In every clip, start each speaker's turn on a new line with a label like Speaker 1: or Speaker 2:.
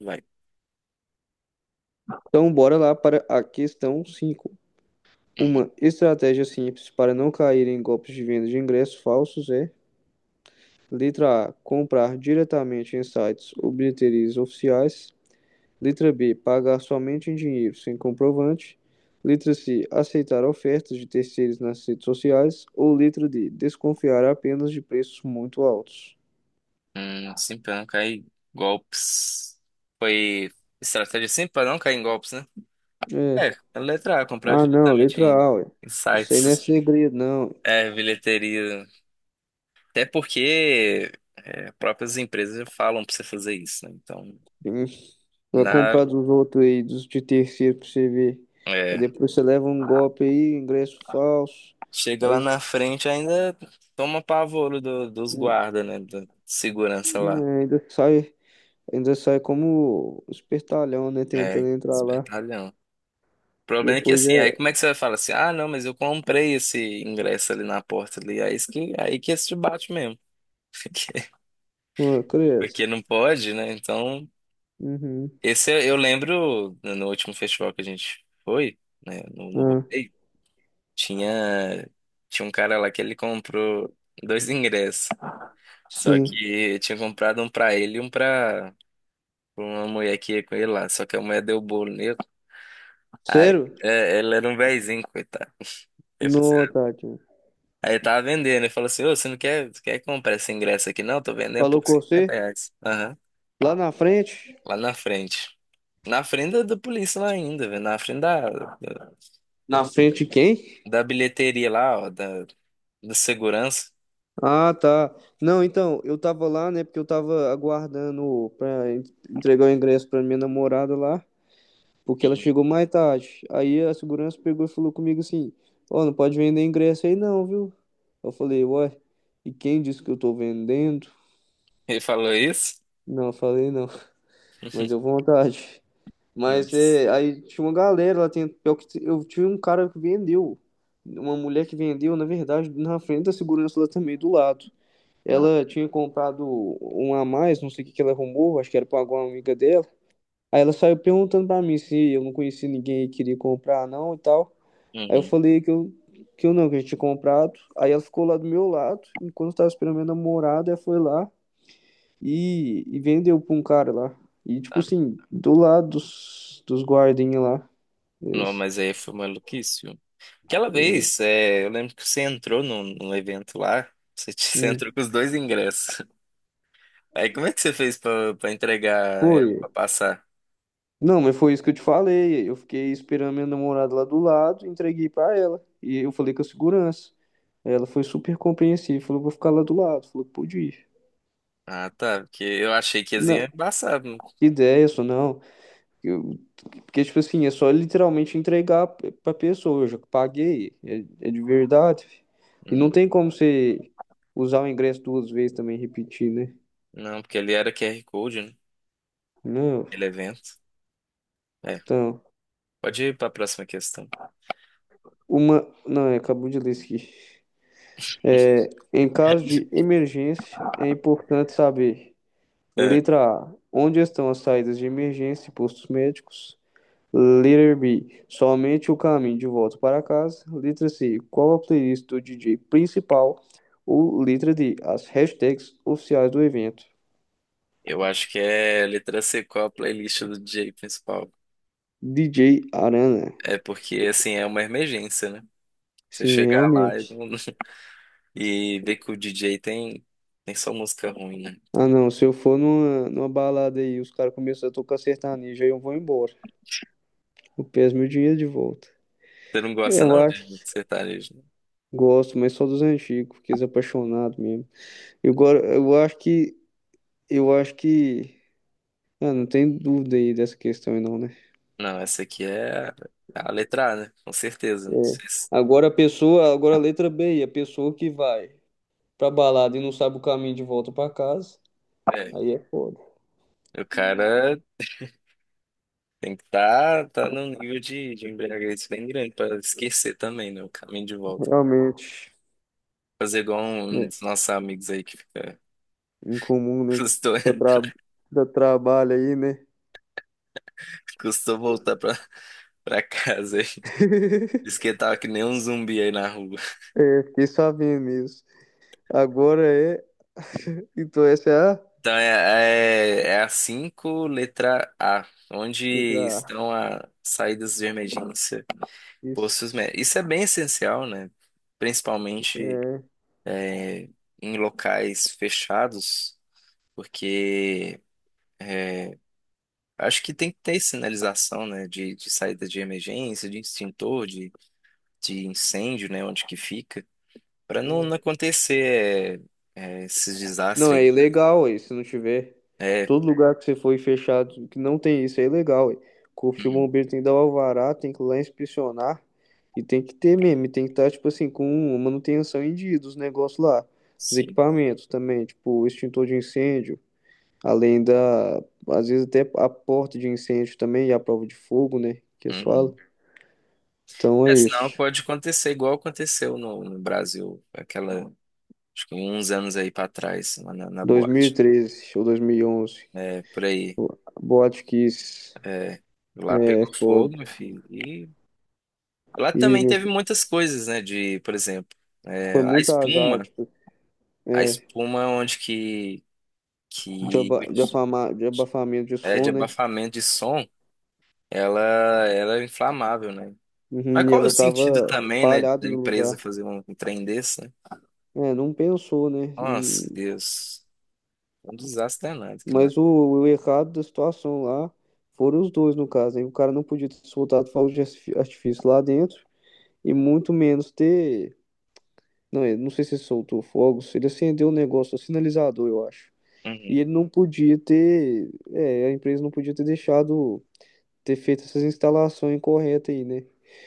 Speaker 1: Vai.
Speaker 2: Então, bora lá para a questão 5.
Speaker 1: Uhum.
Speaker 2: Uma estratégia simples para não cair em golpes de venda de ingressos falsos é: letra A, comprar diretamente em sites ou bilheterias oficiais. Letra B, pagar somente em dinheiro sem comprovante. Letra C, aceitar ofertas de terceiros nas redes sociais. Ou letra D, desconfiar apenas de preços muito altos.
Speaker 1: Sim, pra não cair em golpes. Foi Estratégia sim pra não cair em golpes, né?
Speaker 2: É.
Speaker 1: É, a letra A, comprar
Speaker 2: Ah, não,
Speaker 1: diretamente
Speaker 2: letra
Speaker 1: em,
Speaker 2: A, ué.
Speaker 1: em
Speaker 2: Isso aí não é
Speaker 1: sites.
Speaker 2: segredo, não.
Speaker 1: É, bilheteria. Até porque próprias empresas já falam pra você fazer isso, né? Então,
Speaker 2: Hum. Vai
Speaker 1: na,
Speaker 2: comprar dos outros aí, dos de terceiro pra você ver. Aí
Speaker 1: é,
Speaker 2: depois você leva um golpe aí, ingresso falso.
Speaker 1: chega lá
Speaker 2: Aí
Speaker 1: na frente ainda toma pavoro dos
Speaker 2: hum,
Speaker 1: guardas, né? Da segurança lá.
Speaker 2: é, ainda sai como espertalhão, né?
Speaker 1: É,
Speaker 2: Tentando entrar lá.
Speaker 1: espertalhão. O problema é que
Speaker 2: Depois
Speaker 1: assim,
Speaker 2: é.
Speaker 1: aí como é que você vai falar assim, ah, não, mas eu comprei esse ingresso ali na porta ali, aí isso que, aí que esse te bate mesmo, porque,
Speaker 2: Ah, credo.
Speaker 1: porque não pode, né? Então,
Speaker 2: Uhum.
Speaker 1: esse eu lembro no último festival que a gente foi, né, no, no
Speaker 2: Ah,
Speaker 1: rodeio, tinha, tinha um cara lá que ele comprou dois ingressos, só
Speaker 2: sim.
Speaker 1: que tinha comprado um pra ele e um pra, pra uma mulher que ia com ele lá, só que a mulher deu bolo nele, aí
Speaker 2: Sério?
Speaker 1: é, ele era um vezinho, coitado.
Speaker 2: Não, Tati.
Speaker 1: Aí tava vendendo, ele falou assim, ô, você não quer, quer comprar esse ingresso aqui não? Tô vendendo por
Speaker 2: Falou com
Speaker 1: 50
Speaker 2: você?
Speaker 1: reais. Aham.
Speaker 2: Lá na frente?
Speaker 1: Lá na frente. Na frente da, da polícia lá ainda, velho. Na frente da, da,
Speaker 2: Na frente de quem?
Speaker 1: da bilheteria lá, ó, da, da segurança.
Speaker 2: Ah, tá. Não, então, eu tava lá, né, porque eu tava aguardando pra en- entregar o ingresso pra minha namorada lá, porque ela
Speaker 1: Uhum.
Speaker 2: chegou mais tarde. Aí a segurança pegou e falou comigo assim: Ó, não pode vender ingresso aí não, viu? Eu falei: Ué, e quem disse que eu tô vendendo?
Speaker 1: Ele falou isso?
Speaker 2: Não, eu falei não, mas eu vontade. Mas
Speaker 1: Nossa.
Speaker 2: é, aí tinha uma galera lá, tem, pior que t- eu tinha um cara que vendeu, uma mulher que vendeu, na verdade, na frente da segurança lá também, do lado.
Speaker 1: Não.
Speaker 2: Ela tinha comprado uma a mais, não sei o que que ela arrumou, acho que era pra alguma amiga dela. Aí ela saiu perguntando pra mim se eu não conhecia ninguém e queria comprar, não e tal. Aí eu
Speaker 1: Uhum.
Speaker 2: falei que eu não, que eu tinha comprado. Aí ela ficou lá do meu lado, enquanto eu tava esperando minha namorada, ela foi lá e vendeu pra um cara lá. E tipo
Speaker 1: Tá.
Speaker 2: assim, do lado dos, dos guardinhas lá.
Speaker 1: Não,
Speaker 2: Esse,
Speaker 1: mas aí foi maluquice, viu? Aquela
Speaker 2: hum,
Speaker 1: vez, é, eu lembro que você entrou num, num evento lá, você, você
Speaker 2: hum,
Speaker 1: entrou com os dois ingressos. Aí como é que você fez pra, pra entregar ela
Speaker 2: foi.
Speaker 1: pra passar?
Speaker 2: Não, mas foi isso que eu te falei. Eu fiquei esperando minha namorada lá do lado, entreguei pra ela. E eu falei com a segurança. Ela foi super compreensiva, falou, vou ficar lá do lado. Falou, pode ir.
Speaker 1: Ah, tá. Porque eu achei que esse é
Speaker 2: Não,
Speaker 1: embaçado.
Speaker 2: ideia só não. Eu, porque, tipo assim, é só literalmente entregar p- pra pessoa. Eu já paguei, é, é de verdade. Fi. E não
Speaker 1: Hum,
Speaker 2: tem como você usar o ingresso duas vezes também e repetir, né?
Speaker 1: Não, porque ele era QR Code, né?
Speaker 2: Não,
Speaker 1: Ele é evento. É.
Speaker 2: então,
Speaker 1: Pode ir para a próxima questão.
Speaker 2: uma. Não, acabou de ler isso aqui. Em caso de emergência, é importante saber.
Speaker 1: É,
Speaker 2: Letra A. Onde estão as saídas de emergência e postos médicos? Letra B. Somente o caminho de volta para casa. Letra C. Qual a playlist do DJ principal? Ou letra D. As hashtags oficiais do evento.
Speaker 1: eu acho que é letra C, qual a playlist do DJ principal?
Speaker 2: DJ Arana.
Speaker 1: É porque, assim, é uma emergência, né? Você
Speaker 2: Sim,
Speaker 1: chegar lá e,
Speaker 2: realmente.
Speaker 1: não- e ver que o DJ tem, tem só música ruim, né?
Speaker 2: Ah,
Speaker 1: Então,
Speaker 2: não. Se eu for numa, numa balada aí, os caras começam a tocar sertanejo, aí eu vou embora. Eu peço meu dinheiro de volta.
Speaker 1: você não
Speaker 2: É,
Speaker 1: gosta,
Speaker 2: eu
Speaker 1: não, de
Speaker 2: acho que
Speaker 1: sertanejo, né?
Speaker 2: gosto, mas só dos antigos, porque é apaixonado mesmo. Eu, go- eu acho que Eu acho que. Ah, não tem dúvida aí dessa questão, aí não, né?
Speaker 1: Não, essa aqui é a letra A, né? Com certeza. Não
Speaker 2: É.
Speaker 1: sei se...
Speaker 2: Agora a pessoa, agora a letra B, a pessoa que vai pra balada e não sabe o caminho de volta pra casa,
Speaker 1: É,
Speaker 2: aí é foda.
Speaker 1: o cara tem que estar tá num nível de embriaguez bem grande para esquecer também, né? O caminho de volta.
Speaker 2: Realmente,
Speaker 1: Fazer igual um
Speaker 2: né?
Speaker 1: dos nossos amigos aí que fica.
Speaker 2: Incomum, né?
Speaker 1: Custou,
Speaker 2: Dá, tra... Dá trabalho aí, né?
Speaker 1: custou voltar pra, pra casa, aí. Diz que tava que nem um zumbi aí na rua.
Speaker 2: É, fiquei sabendo isso. Agora é. Então essa é a
Speaker 1: Então é, é, é a 5 letra A, onde
Speaker 2: letra A.
Speaker 1: estão as saídas de emergência, postos
Speaker 2: Isso.
Speaker 1: médicos. Isso é bem essencial, né? Principalmente
Speaker 2: É.
Speaker 1: é, em locais fechados, porque. Acho que tem que ter sinalização, né, de saída de emergência, de extintor, de incêndio, né, onde que fica, para não, não acontecer é, é, esses
Speaker 2: Não,
Speaker 1: desastres
Speaker 2: é
Speaker 1: aí, né?
Speaker 2: ilegal, aí, se não tiver.
Speaker 1: É,
Speaker 2: Todo lugar que você for e fechado que não tem isso é ilegal, aí. Corpo de
Speaker 1: uhum,
Speaker 2: bombeiro tem que dar o alvará, tem que ir lá inspecionar e tem que ter mesmo, e tem que estar, tipo assim, com manutenção em dia dos negócios lá, dos
Speaker 1: sim,
Speaker 2: equipamentos também, tipo, extintor de incêndio, além da, às vezes até a porta de incêndio também e a prova de fogo, né, que eles falam.
Speaker 1: uhum.
Speaker 2: Então
Speaker 1: É,
Speaker 2: é
Speaker 1: senão
Speaker 2: isso.
Speaker 1: pode acontecer igual aconteceu no, no Brasil, aquela, acho que uns anos aí para trás, lá na, na boate.
Speaker 2: 2013 ou 2011,
Speaker 1: É por aí,
Speaker 2: Botkiss,
Speaker 1: é. Lá pegou
Speaker 2: é
Speaker 1: fogo,
Speaker 2: foda.
Speaker 1: meu filho. E lá
Speaker 2: E
Speaker 1: também
Speaker 2: meu,
Speaker 1: teve muitas coisas, né, de, por exemplo, é,
Speaker 2: foi
Speaker 1: a
Speaker 2: muito azar,
Speaker 1: espuma.
Speaker 2: tipo,
Speaker 1: A
Speaker 2: é,
Speaker 1: espuma onde
Speaker 2: de,
Speaker 1: que
Speaker 2: aba- de, afama- de abafamento de
Speaker 1: é de
Speaker 2: som, né?
Speaker 1: abafamento de som, ela, ela é inflamável, né? Mas
Speaker 2: Uhum, e
Speaker 1: qual é o
Speaker 2: ela
Speaker 1: sentido
Speaker 2: tava
Speaker 1: também, né, da
Speaker 2: espalhada no
Speaker 1: empresa
Speaker 2: lugar.
Speaker 1: fazer um, um trem desse, né?
Speaker 2: É, não pensou, né?
Speaker 1: Nossa,
Speaker 2: Hum.
Speaker 1: Deus. Um desastre danado aquilo lá.
Speaker 2: Mas o errado da situação lá foram os dois, no caso. Hein? O cara não podia ter soltado fogos de artifi- artifício lá dentro e muito menos ter. Não, eu não sei se ele soltou fogos, ele acendeu o negócio, o sinalizador, eu acho. E
Speaker 1: Uhum.
Speaker 2: ele não podia ter. É, a empresa não podia ter deixado ter feito essas instalações incorretas aí, né?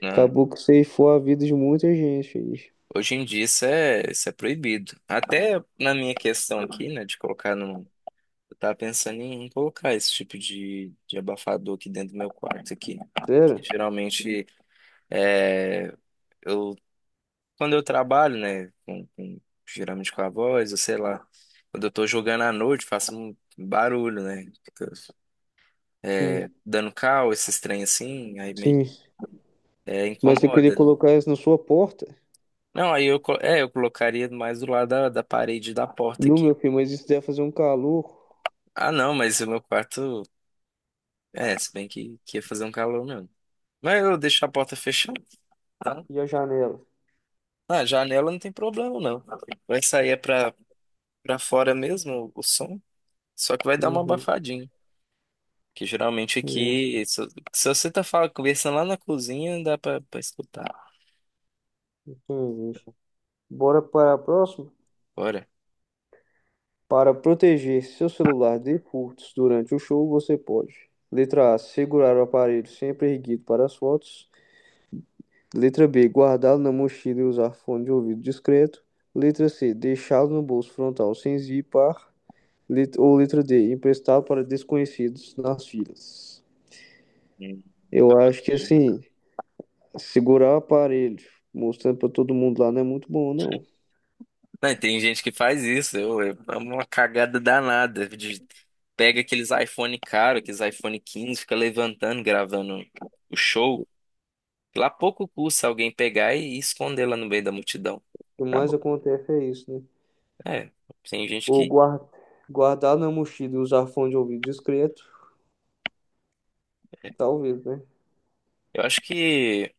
Speaker 1: Não.
Speaker 2: Acabou que ceifou a vida de muita gente aí.
Speaker 1: Hoje em dia isso é proibido. Até na minha questão aqui, né, de colocar no. Eu tava pensando em colocar esse tipo de abafador aqui dentro do meu quarto aqui.
Speaker 2: Sério?
Speaker 1: Geralmente, é, eu quando eu trabalho, né, com geralmente com a voz, ou sei lá, quando eu tô jogando à noite, faço um barulho, né, é,
Speaker 2: Sim,
Speaker 1: dando cal, esses trem assim, aí meio
Speaker 2: sim.
Speaker 1: é,
Speaker 2: Mas eu queria
Speaker 1: incomoda.
Speaker 2: colocar isso na sua porta?
Speaker 1: Não, aí eu, eu colocaria mais do lado da, da parede da porta
Speaker 2: Não,
Speaker 1: aqui.
Speaker 2: meu filho, mas isso deve fazer um calor.
Speaker 1: Ah, não, mas o meu quarto, é, se bem que ia fazer um calor mesmo. Mas eu deixo a porta fechada, tá?
Speaker 2: E a janela?
Speaker 1: Na janela não tem problema, não. Vai sair é pra, pra fora mesmo o som, só que vai dar uma
Speaker 2: Uhum.
Speaker 1: abafadinha. Que geralmente
Speaker 2: É,
Speaker 1: aqui, se você tá falando, conversando lá na cozinha, dá pra, pra escutar.
Speaker 2: entendi. Bora para a próxima?
Speaker 1: Olha.
Speaker 2: Para proteger seu celular de furtos durante o show, você pode. Letra A, segurar o aparelho sempre erguido para as fotos. Letra B, guardá-lo na mochila e usar fone de ouvido discreto. Letra C, deixá-lo no bolso frontal sem zipar. Lit- Ou letra D, emprestar para desconhecidos nas filas. Eu acho que assim, segurar o aparelho, mostrando para todo mundo lá, não é muito bom, não.
Speaker 1: Não, e tem gente que faz isso. Eu é uma cagada danada, de- pega aqueles iPhone caro, aqueles iPhone 15, fica levantando, gravando o show. Lá pouco custa alguém pegar e esconder lá no meio da multidão.
Speaker 2: O que mais
Speaker 1: Acabou.
Speaker 2: acontece é isso, né?
Speaker 1: É, tem gente
Speaker 2: Ou
Speaker 1: que.
Speaker 2: guar- guardar na mochila e usar fone de ouvido discreto, talvez, né?
Speaker 1: Eu acho que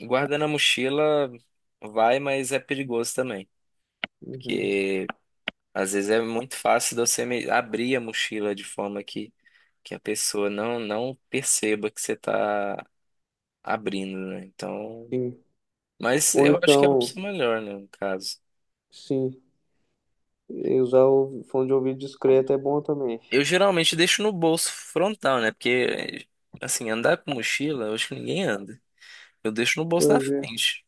Speaker 1: guardar na mochila vai, mas é perigoso também.
Speaker 2: Uhum.
Speaker 1: Porque. Às vezes é muito fácil de você abrir a mochila de forma que a pessoa não, não perceba que você está abrindo, né? Então,
Speaker 2: Sim.
Speaker 1: mas
Speaker 2: Ou
Speaker 1: eu acho que é a
Speaker 2: então,
Speaker 1: opção melhor, né, no caso.
Speaker 2: sim, usar o fone de ouvido discreto é bom também.
Speaker 1: Eu geralmente deixo no bolso frontal, né? Porque, assim, andar com mochila, eu acho que ninguém anda. Eu deixo no bolso da
Speaker 2: Pois é.
Speaker 1: frente.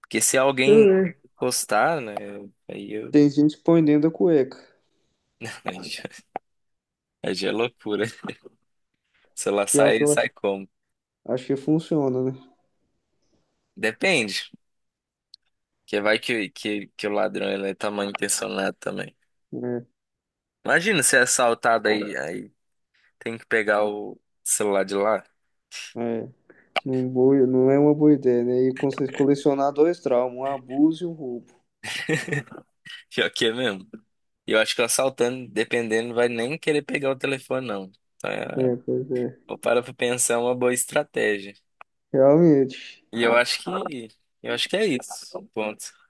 Speaker 1: Porque se alguém
Speaker 2: Também.
Speaker 1: encostar, né? Aí eu.
Speaker 2: Tem gente que põe dentro da cueca.
Speaker 1: Aí já é loucura. Se ela
Speaker 2: Pior que
Speaker 1: sai,
Speaker 2: eu
Speaker 1: sai
Speaker 2: acho,
Speaker 1: como?
Speaker 2: acho que funciona,
Speaker 1: Depende. Que vai que o ladrão ele é tá mal intencionado também.
Speaker 2: né?
Speaker 1: Imagina ser assaltado aí, aí tem que pegar o celular de lá.
Speaker 2: É. É. Não, boa- não é uma boa ideia, né? E cons- colecionar dois traumas, um abuso e um roubo.
Speaker 1: Pior que é mesmo. E eu acho que o assaltante, dependendo, vai nem querer pegar o telefone, não. Então, é,
Speaker 2: É, pois é.
Speaker 1: vou parar pra pensar é uma boa estratégia.
Speaker 2: Realmente.
Speaker 1: E eu acho que é isso. Ponto.